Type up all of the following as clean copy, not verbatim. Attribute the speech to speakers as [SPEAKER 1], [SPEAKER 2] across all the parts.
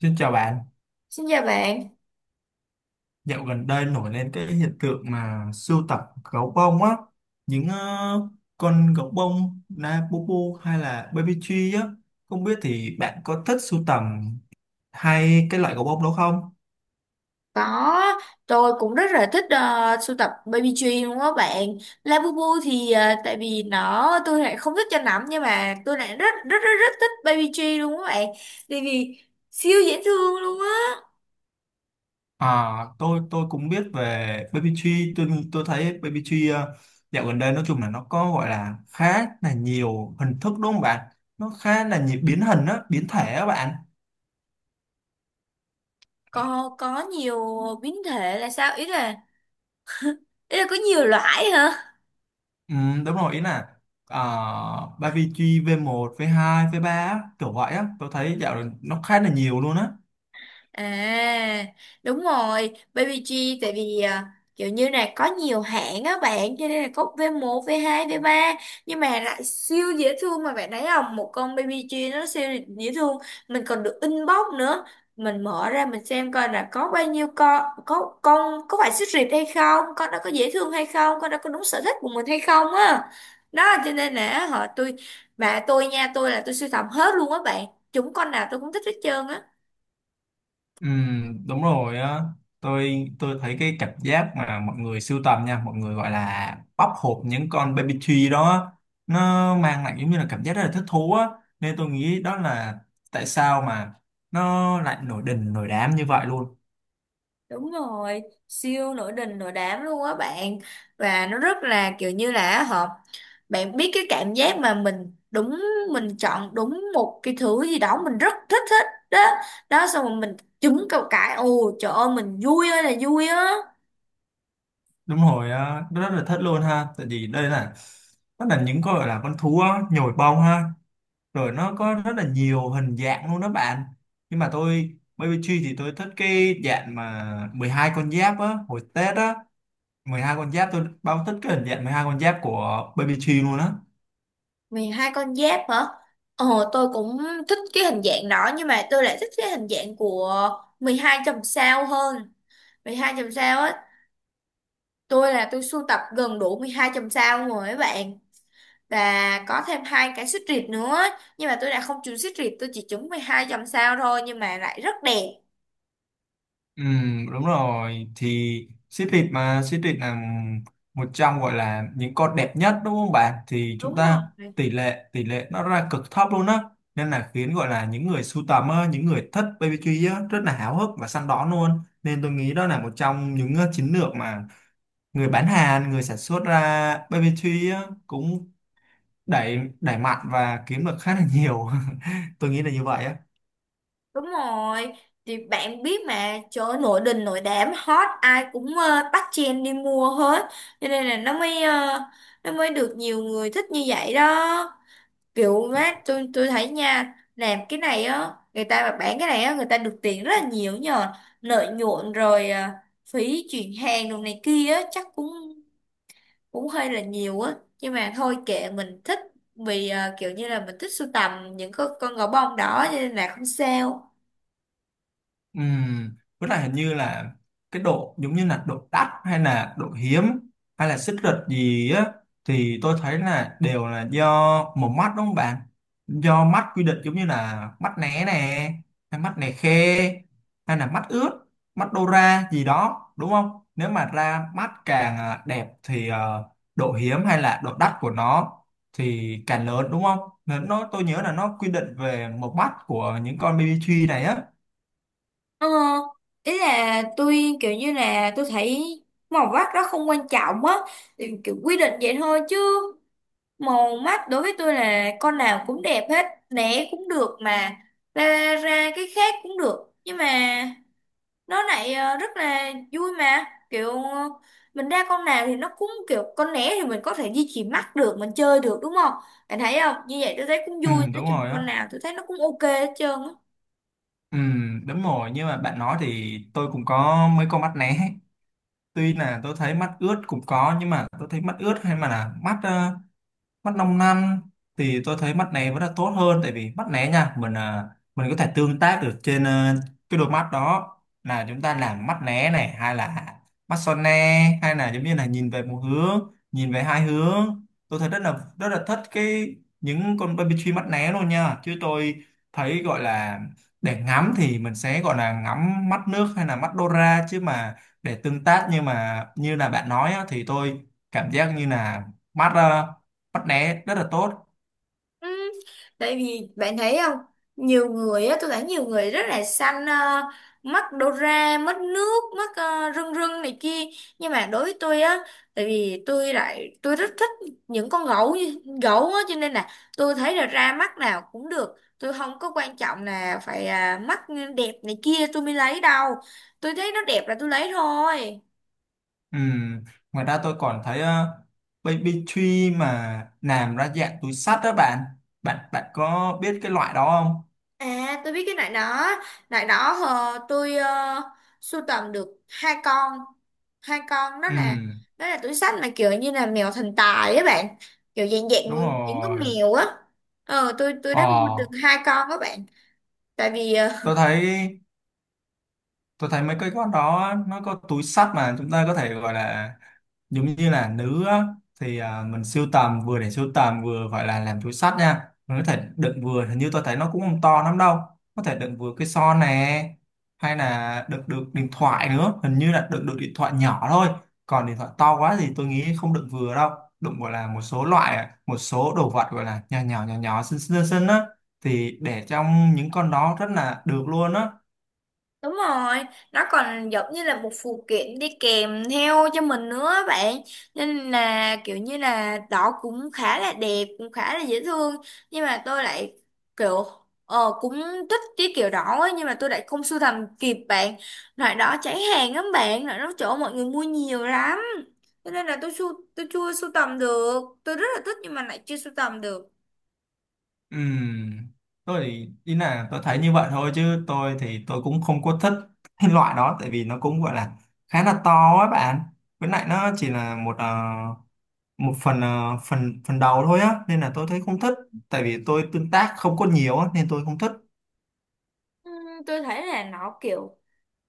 [SPEAKER 1] Xin chào bạn,
[SPEAKER 2] Xin chào bạn,
[SPEAKER 1] dạo gần đây nổi lên cái hiện tượng mà sưu tập gấu bông á, những con gấu bông na Bubu hay là Baby Tree á, không biết thì bạn có thích sưu tầm hay cái loại gấu bông đó không?
[SPEAKER 2] có tôi cũng rất là thích sưu tập baby tree luôn á bạn. Labubu thì tại vì nó tôi lại không thích cho lắm nhưng mà tôi lại rất rất rất rất thích baby tree luôn á bạn. Tại vì siêu dễ thương luôn á.
[SPEAKER 1] À, tôi cũng biết về Baby Tree. Tôi thấy Baby Tree dạo gần đây nói chung là nó có gọi là khá là nhiều hình thức, đúng không bạn? Nó khá là nhiều biến hình á, biến thể á bạn.
[SPEAKER 2] Có nhiều biến thể là sao? Ý là có nhiều loại hả?
[SPEAKER 1] Ừ, đúng rồi, ý là à, BBG v một v hai v ba á, kiểu vậy á. Tôi thấy dạo này nó khá là nhiều luôn á.
[SPEAKER 2] À, Đúng rồi, Baby G, tại vì kiểu như là có nhiều hãng á bạn, cho nên là có v một v hai v ba, nhưng mà lại siêu dễ thương mà bạn thấy không? Một con Baby G nó siêu dễ thương, mình còn được inbox nữa. Mình mở ra mình xem coi là có bao nhiêu con có phải xích rịt hay không, con đó có dễ thương hay không, con đó có đúng sở thích của mình hay không á. Đó cho nên là họ tôi bà tôi nha, tôi là tôi sưu tầm hết luôn á bạn. Chúng con nào tôi cũng thích hết trơn á.
[SPEAKER 1] Ừ, đúng rồi á. Tôi thấy cái cảm giác mà mọi người sưu tầm nha, mọi người gọi là bóc hộp những con baby tree đó á, nó mang lại giống như là cảm giác rất là thích thú á, nên tôi nghĩ đó là tại sao mà nó lại nổi đình nổi đám như vậy luôn.
[SPEAKER 2] Đúng rồi, siêu nổi đình nổi đám luôn á bạn. Và nó rất là kiểu như là hợp. Bạn biết cái cảm giác mà mình đúng, mình chọn đúng một cái thứ gì đó, mình rất thích thích đó. Đó xong rồi mình trúng cầu cãi, ồ trời ơi mình vui ơi là vui á.
[SPEAKER 1] Đúng rồi á, rất là thích luôn ha. Tại vì đây là nó là những con gọi là con thú á, nhồi bông ha, rồi nó có rất là nhiều hình dạng luôn đó bạn. Nhưng mà tôi bê bê Tree thì tôi thích cái dạng mà 12 con giáp á, hồi Tết á. 12 con giáp, tôi bao thích cái hình dạng 12 con giáp của bê bê Tree luôn á.
[SPEAKER 2] Vì hai con giáp hả? Ồ tôi cũng thích cái hình dạng đó. Nhưng mà tôi lại thích cái hình dạng của 12 chòm sao hơn, 12 chòm sao á. Tôi là tôi sưu tập gần đủ 12 chòm sao luôn rồi các bạn, và có thêm hai cái xích rịt nữa, nhưng mà tôi đã không trúng xích rịt, tôi chỉ trúng 12 dòng sao thôi nhưng mà lại rất đẹp.
[SPEAKER 1] Ừ, đúng rồi thì xếp thịt, mà xếp thịt là một trong gọi là những con đẹp nhất đúng không bạn? Thì
[SPEAKER 2] Đúng
[SPEAKER 1] chúng
[SPEAKER 2] rồi,
[SPEAKER 1] ta tỷ lệ nó ra cực thấp luôn á, nên là khiến gọi là những người sưu tầm á, những người thích BBQ á, rất là háo hức và săn đón luôn. Nên tôi nghĩ đó là một trong những chiến lược mà người bán hàng, người sản xuất ra BBQ á, cũng đẩy đẩy mạnh và kiếm được khá là nhiều. Tôi nghĩ là như vậy á.
[SPEAKER 2] đúng rồi, thì bạn biết mà, trời ơi, nổi đình nổi đám hot, ai cũng bắt chen đi mua hết, cho nên là nó mới nó mới được nhiều người thích như vậy đó. Kiểu mát tôi thấy nha, làm cái này á, người ta mà bán cái này á, người ta được tiền rất là nhiều nhờ lợi nhuận, rồi phí chuyển hàng đồ này kia á chắc cũng cũng hơi là nhiều á, nhưng mà thôi kệ mình thích, vì kiểu như là mình thích sưu tầm những con gấu bông đỏ cho nên là không sao.
[SPEAKER 1] Với lại hình như là cái độ giống như là độ đắt hay là độ hiếm hay là xích rực gì á, thì tôi thấy là đều là do một mắt, đúng không bạn? Do mắt quy định, giống như là mắt né nè, hay mắt này khe, hay là mắt ướt, mắt đô ra gì đó, đúng không? Nếu mà ra mắt càng à, đẹp thì độ hiếm hay là độ đắt của nó thì càng lớn, đúng không? Nên nó tôi nhớ là nó quy định về một mắt của những con baby tree này á.
[SPEAKER 2] Ờ, Ý là tôi kiểu như là tôi thấy màu mắt đó không quan trọng á, thì kiểu quy định vậy thôi chứ, màu mắt đối với tôi là con nào cũng đẹp hết né, cũng được mà, ra ra cái khác cũng được, nhưng mà nó lại rất là vui mà, kiểu mình ra con nào thì nó cũng kiểu con né thì mình có thể duy trì mắt được, mình chơi được đúng không? Bạn thấy không, như vậy tôi thấy cũng
[SPEAKER 1] Ừ,
[SPEAKER 2] vui, nói
[SPEAKER 1] đúng
[SPEAKER 2] chung
[SPEAKER 1] rồi á.
[SPEAKER 2] con nào tôi thấy nó cũng ok hết trơn á.
[SPEAKER 1] Ừ, đúng rồi, nhưng mà bạn nói thì tôi cũng có mấy con mắt né. Tuy là tôi thấy mắt ướt cũng có, nhưng mà tôi thấy mắt ướt hay mà là mắt mắt 5 năm, thì tôi thấy mắt này vẫn là tốt hơn. Tại vì mắt né nha, mình à, mình có thể tương tác được trên cái đôi mắt đó, là chúng ta làm mắt né này, hay là mắt son ne, hay là giống như là nhìn về một hướng, nhìn về hai hướng. Tôi thấy rất là thích cái những con baby tree mắt né luôn nha. Chứ tôi thấy gọi là để ngắm thì mình sẽ gọi là ngắm mắt nước hay là mắt Dora, chứ mà để tương tác, nhưng mà như là bạn nói á, thì tôi cảm giác như là mắt bắt né rất là tốt.
[SPEAKER 2] Ừ, tại vì bạn thấy không, nhiều người á tôi thấy nhiều người rất là xanh mắt đô ra, mất nước mắt rưng rưng này kia, nhưng mà đối với tôi á, tại vì tôi lại tôi rất thích những gấu á, cho nên là tôi thấy là ra mắt nào cũng được, tôi không có quan trọng là phải mắt đẹp này kia tôi mới lấy đâu, tôi thấy nó đẹp là tôi lấy thôi.
[SPEAKER 1] Ừm, ngoài ra tôi còn thấy baby tree mà làm ra dạng túi xách đó bạn. Bạn có biết cái loại đó không?
[SPEAKER 2] À, tôi biết cái nải đó. Nải đó tôi sưu tầm được hai con. Hai con
[SPEAKER 1] Ừm,
[SPEAKER 2] đó là túi xách mà kiểu như là mèo thần tài á bạn. Kiểu dạng dạng
[SPEAKER 1] đúng
[SPEAKER 2] những con
[SPEAKER 1] rồi
[SPEAKER 2] mèo á. Ờ tôi đã mua
[SPEAKER 1] ờ,
[SPEAKER 2] được hai con các bạn. Tại vì
[SPEAKER 1] tôi thấy, tôi thấy mấy cái con đó nó có túi xách mà chúng ta có thể gọi là giống như là nữ á, thì à, mình sưu tầm vừa để sưu tầm, vừa gọi là làm túi xách nha. Mình có thể đựng vừa, hình như tôi thấy nó cũng không to lắm đâu, có thể đựng vừa cái son nè, hay là đựng được điện thoại nữa, hình như là đựng được điện thoại nhỏ thôi, còn điện thoại to quá thì tôi nghĩ không đựng vừa đâu. Đựng gọi là một số loại, một số đồ vật gọi là nhỏ nhỏ nhỏ nhỏ xinh xinh xinh á, thì để trong những con đó rất là được luôn á.
[SPEAKER 2] đúng rồi, nó còn giống như là một phụ kiện đi kèm theo cho mình nữa á bạn. Nên là kiểu như là đó cũng khá là đẹp, cũng khá là dễ thương. Nhưng mà tôi lại kiểu cũng thích cái kiểu đó ấy, nhưng mà tôi lại không sưu tầm kịp bạn. Loại đó cháy hàng lắm bạn, loại đó chỗ mọi người mua nhiều lắm. Cho nên là tôi chưa sưu tầm được. Tôi rất là thích nhưng mà lại chưa sưu tầm được.
[SPEAKER 1] Ừm, tôi thì ý là tôi thấy như vậy thôi, chứ tôi thì tôi cũng không có thích cái loại đó. Tại vì nó cũng gọi là khá là to á bạn, với lại nó chỉ là một một phần phần phần đầu thôi á, nên là tôi thấy không thích. Tại vì tôi tương tác không có nhiều á, nên tôi không thích.
[SPEAKER 2] Ừ, tôi thấy là nó kiểu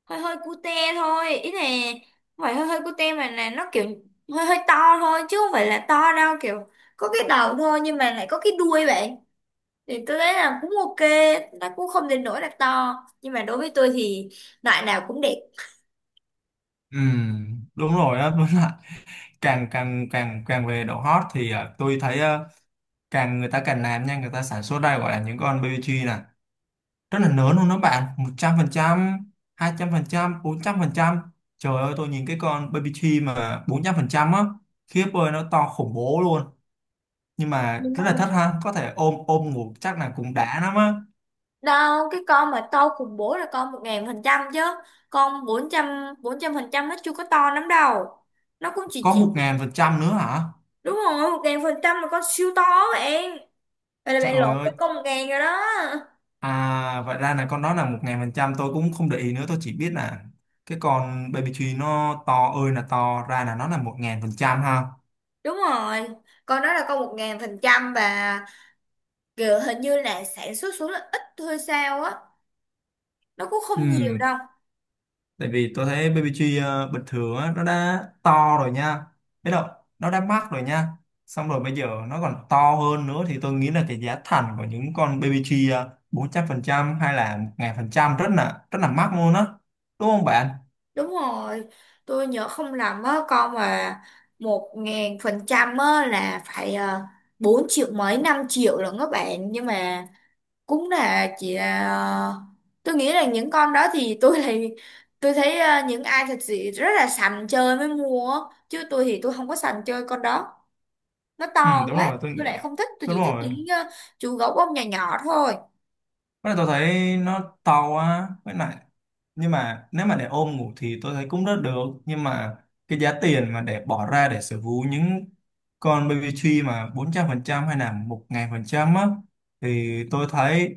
[SPEAKER 2] hơi hơi cute thôi ý này, không phải hơi hơi cute mà là nó kiểu hơi hơi to thôi, chứ không phải là to đâu, kiểu có cái đầu thôi nhưng mà lại có cái đuôi vậy, thì tôi thấy là cũng ok, nó cũng không đến nỗi là to, nhưng mà đối với tôi thì loại nào cũng đẹp.
[SPEAKER 1] Đúng rồi á. Đúng là càng càng càng càng về độ hot thì tôi thấy càng người ta càng làm nha, người ta sản xuất ra gọi là những con BBQ rất là lớn luôn đó bạn. Một trăm trăm trăm, hai trăm phần phần hai, 400%. Trời ơi, tôi nhìn cái con baby tree mà 400% á, khiếp ơi nó to khủng bố luôn. Nhưng mà
[SPEAKER 2] Đúng
[SPEAKER 1] rất là thích
[SPEAKER 2] không,
[SPEAKER 1] ha, có thể ôm ôm ngủ chắc là cũng đã lắm á.
[SPEAKER 2] đâu, cái con mà to khủng bố là con 1000% chứ, con 400% nó chưa có to lắm đâu, nó cũng chỉ
[SPEAKER 1] Có một
[SPEAKER 2] chỉ
[SPEAKER 1] ngàn phần trăm nữa hả?
[SPEAKER 2] đúng rồi. Một ngàn phần trăm là con siêu to bạn, vậy là bạn
[SPEAKER 1] Trời
[SPEAKER 2] lộn
[SPEAKER 1] ơi,
[SPEAKER 2] với con một ngàn rồi đó.
[SPEAKER 1] à vậy ra là con đó là 1000%. Tôi cũng không để ý nữa, tôi chỉ biết là cái con baby tree nó to ơi là to, ra là nó là 1000% ha.
[SPEAKER 2] Đúng rồi, con đó là con 1000%, và kiểu hình như là sản xuất xuống là ít thôi sao á, nó cũng
[SPEAKER 1] Ừ,
[SPEAKER 2] không nhiều đâu.
[SPEAKER 1] tại vì tôi thấy BBG bình thường á nó đã to rồi nha, biết không? Nó đã mắc rồi nha. Xong rồi bây giờ nó còn to hơn nữa, thì tôi nghĩ là cái giá thành của những con BBG 400% hay là 1000% rất là mắc luôn á, đúng không bạn?
[SPEAKER 2] Đúng rồi, tôi nhớ không lầm á, con mà 1000% á là phải 4 triệu mấy 5 triệu lận các bạn, nhưng mà cũng là chỉ là tôi nghĩ là những con đó thì tôi thấy những ai thật sự rất là sành chơi mới mua á. Chứ tôi thì tôi không có sành chơi con đó. Nó
[SPEAKER 1] Ừ
[SPEAKER 2] to
[SPEAKER 1] đúng
[SPEAKER 2] quá
[SPEAKER 1] rồi, tôi
[SPEAKER 2] tôi
[SPEAKER 1] nghĩ
[SPEAKER 2] lại không thích, tôi
[SPEAKER 1] đúng
[SPEAKER 2] chỉ thích
[SPEAKER 1] rồi.
[SPEAKER 2] những chú gấu bông nhỏ nhỏ thôi.
[SPEAKER 1] Với lại tôi thấy nó to quá, với lại nhưng mà nếu mà để ôm ngủ thì tôi thấy cũng rất được. Nhưng mà cái giá tiền mà để bỏ ra để sở hữu những con baby tree mà 400% hay là 1000% á, thì tôi thấy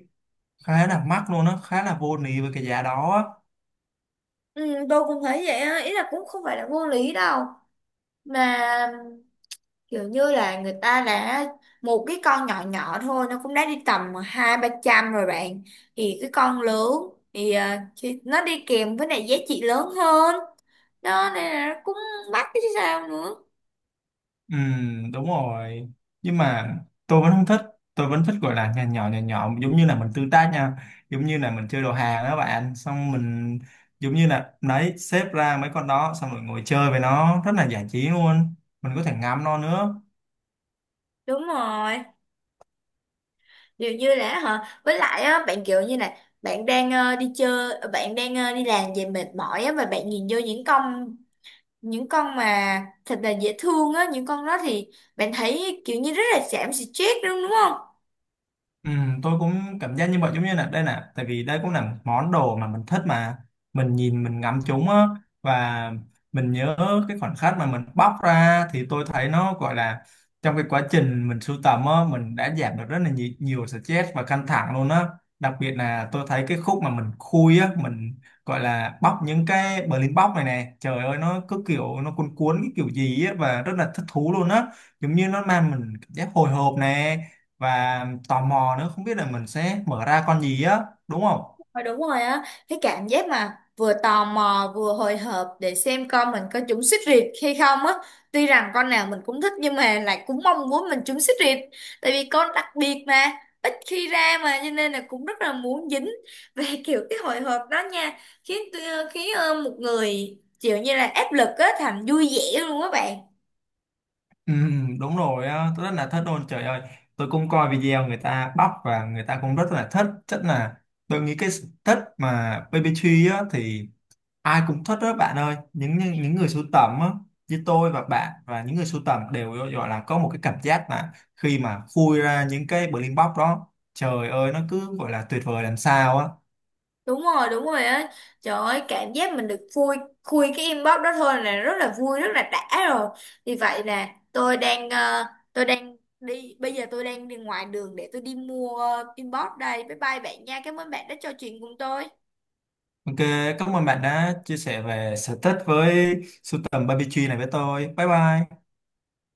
[SPEAKER 1] khá là mắc luôn á, khá là vô lý với cái giá đó á.
[SPEAKER 2] Ừ, tôi cũng thấy vậy á, ý là cũng không phải là vô lý đâu, mà kiểu như là người ta đã, một cái con nhỏ nhỏ thôi nó cũng đã đi tầm hai ba trăm rồi bạn, thì cái con lớn thì thì nó đi kèm với lại giá trị lớn hơn đó, nên là nó cũng mắc chứ sao nữa.
[SPEAKER 1] Ừ, đúng rồi. Nhưng mà tôi vẫn không thích. Tôi vẫn thích gọi là nhà nhỏ nhà nhỏ, giống như là mình tương tác nha. Giống như là mình chơi đồ hàng đó bạn. Xong mình giống như là đấy xếp ra mấy con đó, xong rồi ngồi chơi với nó rất là giải trí luôn. Mình có thể ngắm nó nữa.
[SPEAKER 2] Đúng rồi, điều như là hả? Với lại á, bạn kiểu như này, bạn đang đi chơi, bạn đang đi làm về mệt mỏi á, và bạn nhìn vô những con mà thật là dễ thương á, những con đó thì bạn thấy kiểu như rất là giảm stress, đúng đúng không?
[SPEAKER 1] Ừ, tôi cũng cảm giác như vậy, giống như là đây nè, tại vì đây cũng là món đồ mà mình thích mà mình nhìn mình ngắm chúng á. Và mình nhớ cái khoảnh khắc mà mình bóc ra thì tôi thấy nó gọi là, trong cái quá trình mình sưu tầm á, mình đã giảm được rất là nhiều, nhiều stress và căng thẳng luôn á. Đặc biệt là tôi thấy cái khúc mà mình khui á, mình gọi là bóc những cái Berlin box này nè, trời ơi nó cứ kiểu nó cuốn cuốn cái kiểu gì á, và rất là thích thú luôn á. Giống như nó mang mình cảm giác hồi hộp nè, và tò mò nữa, không biết là mình sẽ mở ra con gì á, đúng không?
[SPEAKER 2] Ờ, đúng rồi á, cái cảm giác mà vừa tò mò vừa hồi hộp để xem con mình có trúng xích riệt hay không á. Tuy rằng con nào mình cũng thích nhưng mà lại cũng mong muốn mình trúng xích riệt. Tại vì con đặc biệt mà, ít khi ra mà cho nên là cũng rất là muốn dính. Về kiểu cái hồi hộp đó nha, khiến khiến một người kiểu như là áp lực á thành vui vẻ luôn á bạn.
[SPEAKER 1] Ừ, đúng rồi á, tôi rất là thích luôn trời ơi. Tôi cũng coi video người ta bóc và người ta cũng rất là thích. Chắc là tôi nghĩ cái sở thích mà baby tree á thì ai cũng thích đó bạn ơi. Những người sưu tầm á như tôi và bạn và những người sưu tầm đều gọi là có một cái cảm giác là khi mà khui ra những cái blind box đó, trời ơi nó cứ gọi là tuyệt vời làm sao á.
[SPEAKER 2] Đúng rồi, đúng rồi á, trời ơi cảm giác mình được khui khui cái inbox đó thôi là rất là vui rất là đã rồi. Vì vậy nè tôi đang tôi đang đi, bây giờ tôi đang đi ngoài đường để tôi đi mua inbox đây. Bye bye bạn nha, cảm ơn bạn đã trò chuyện cùng tôi.
[SPEAKER 1] Ok, cảm ơn bạn đã chia sẻ về sở thích với sưu tầm barbecue này với tôi. Bye bye.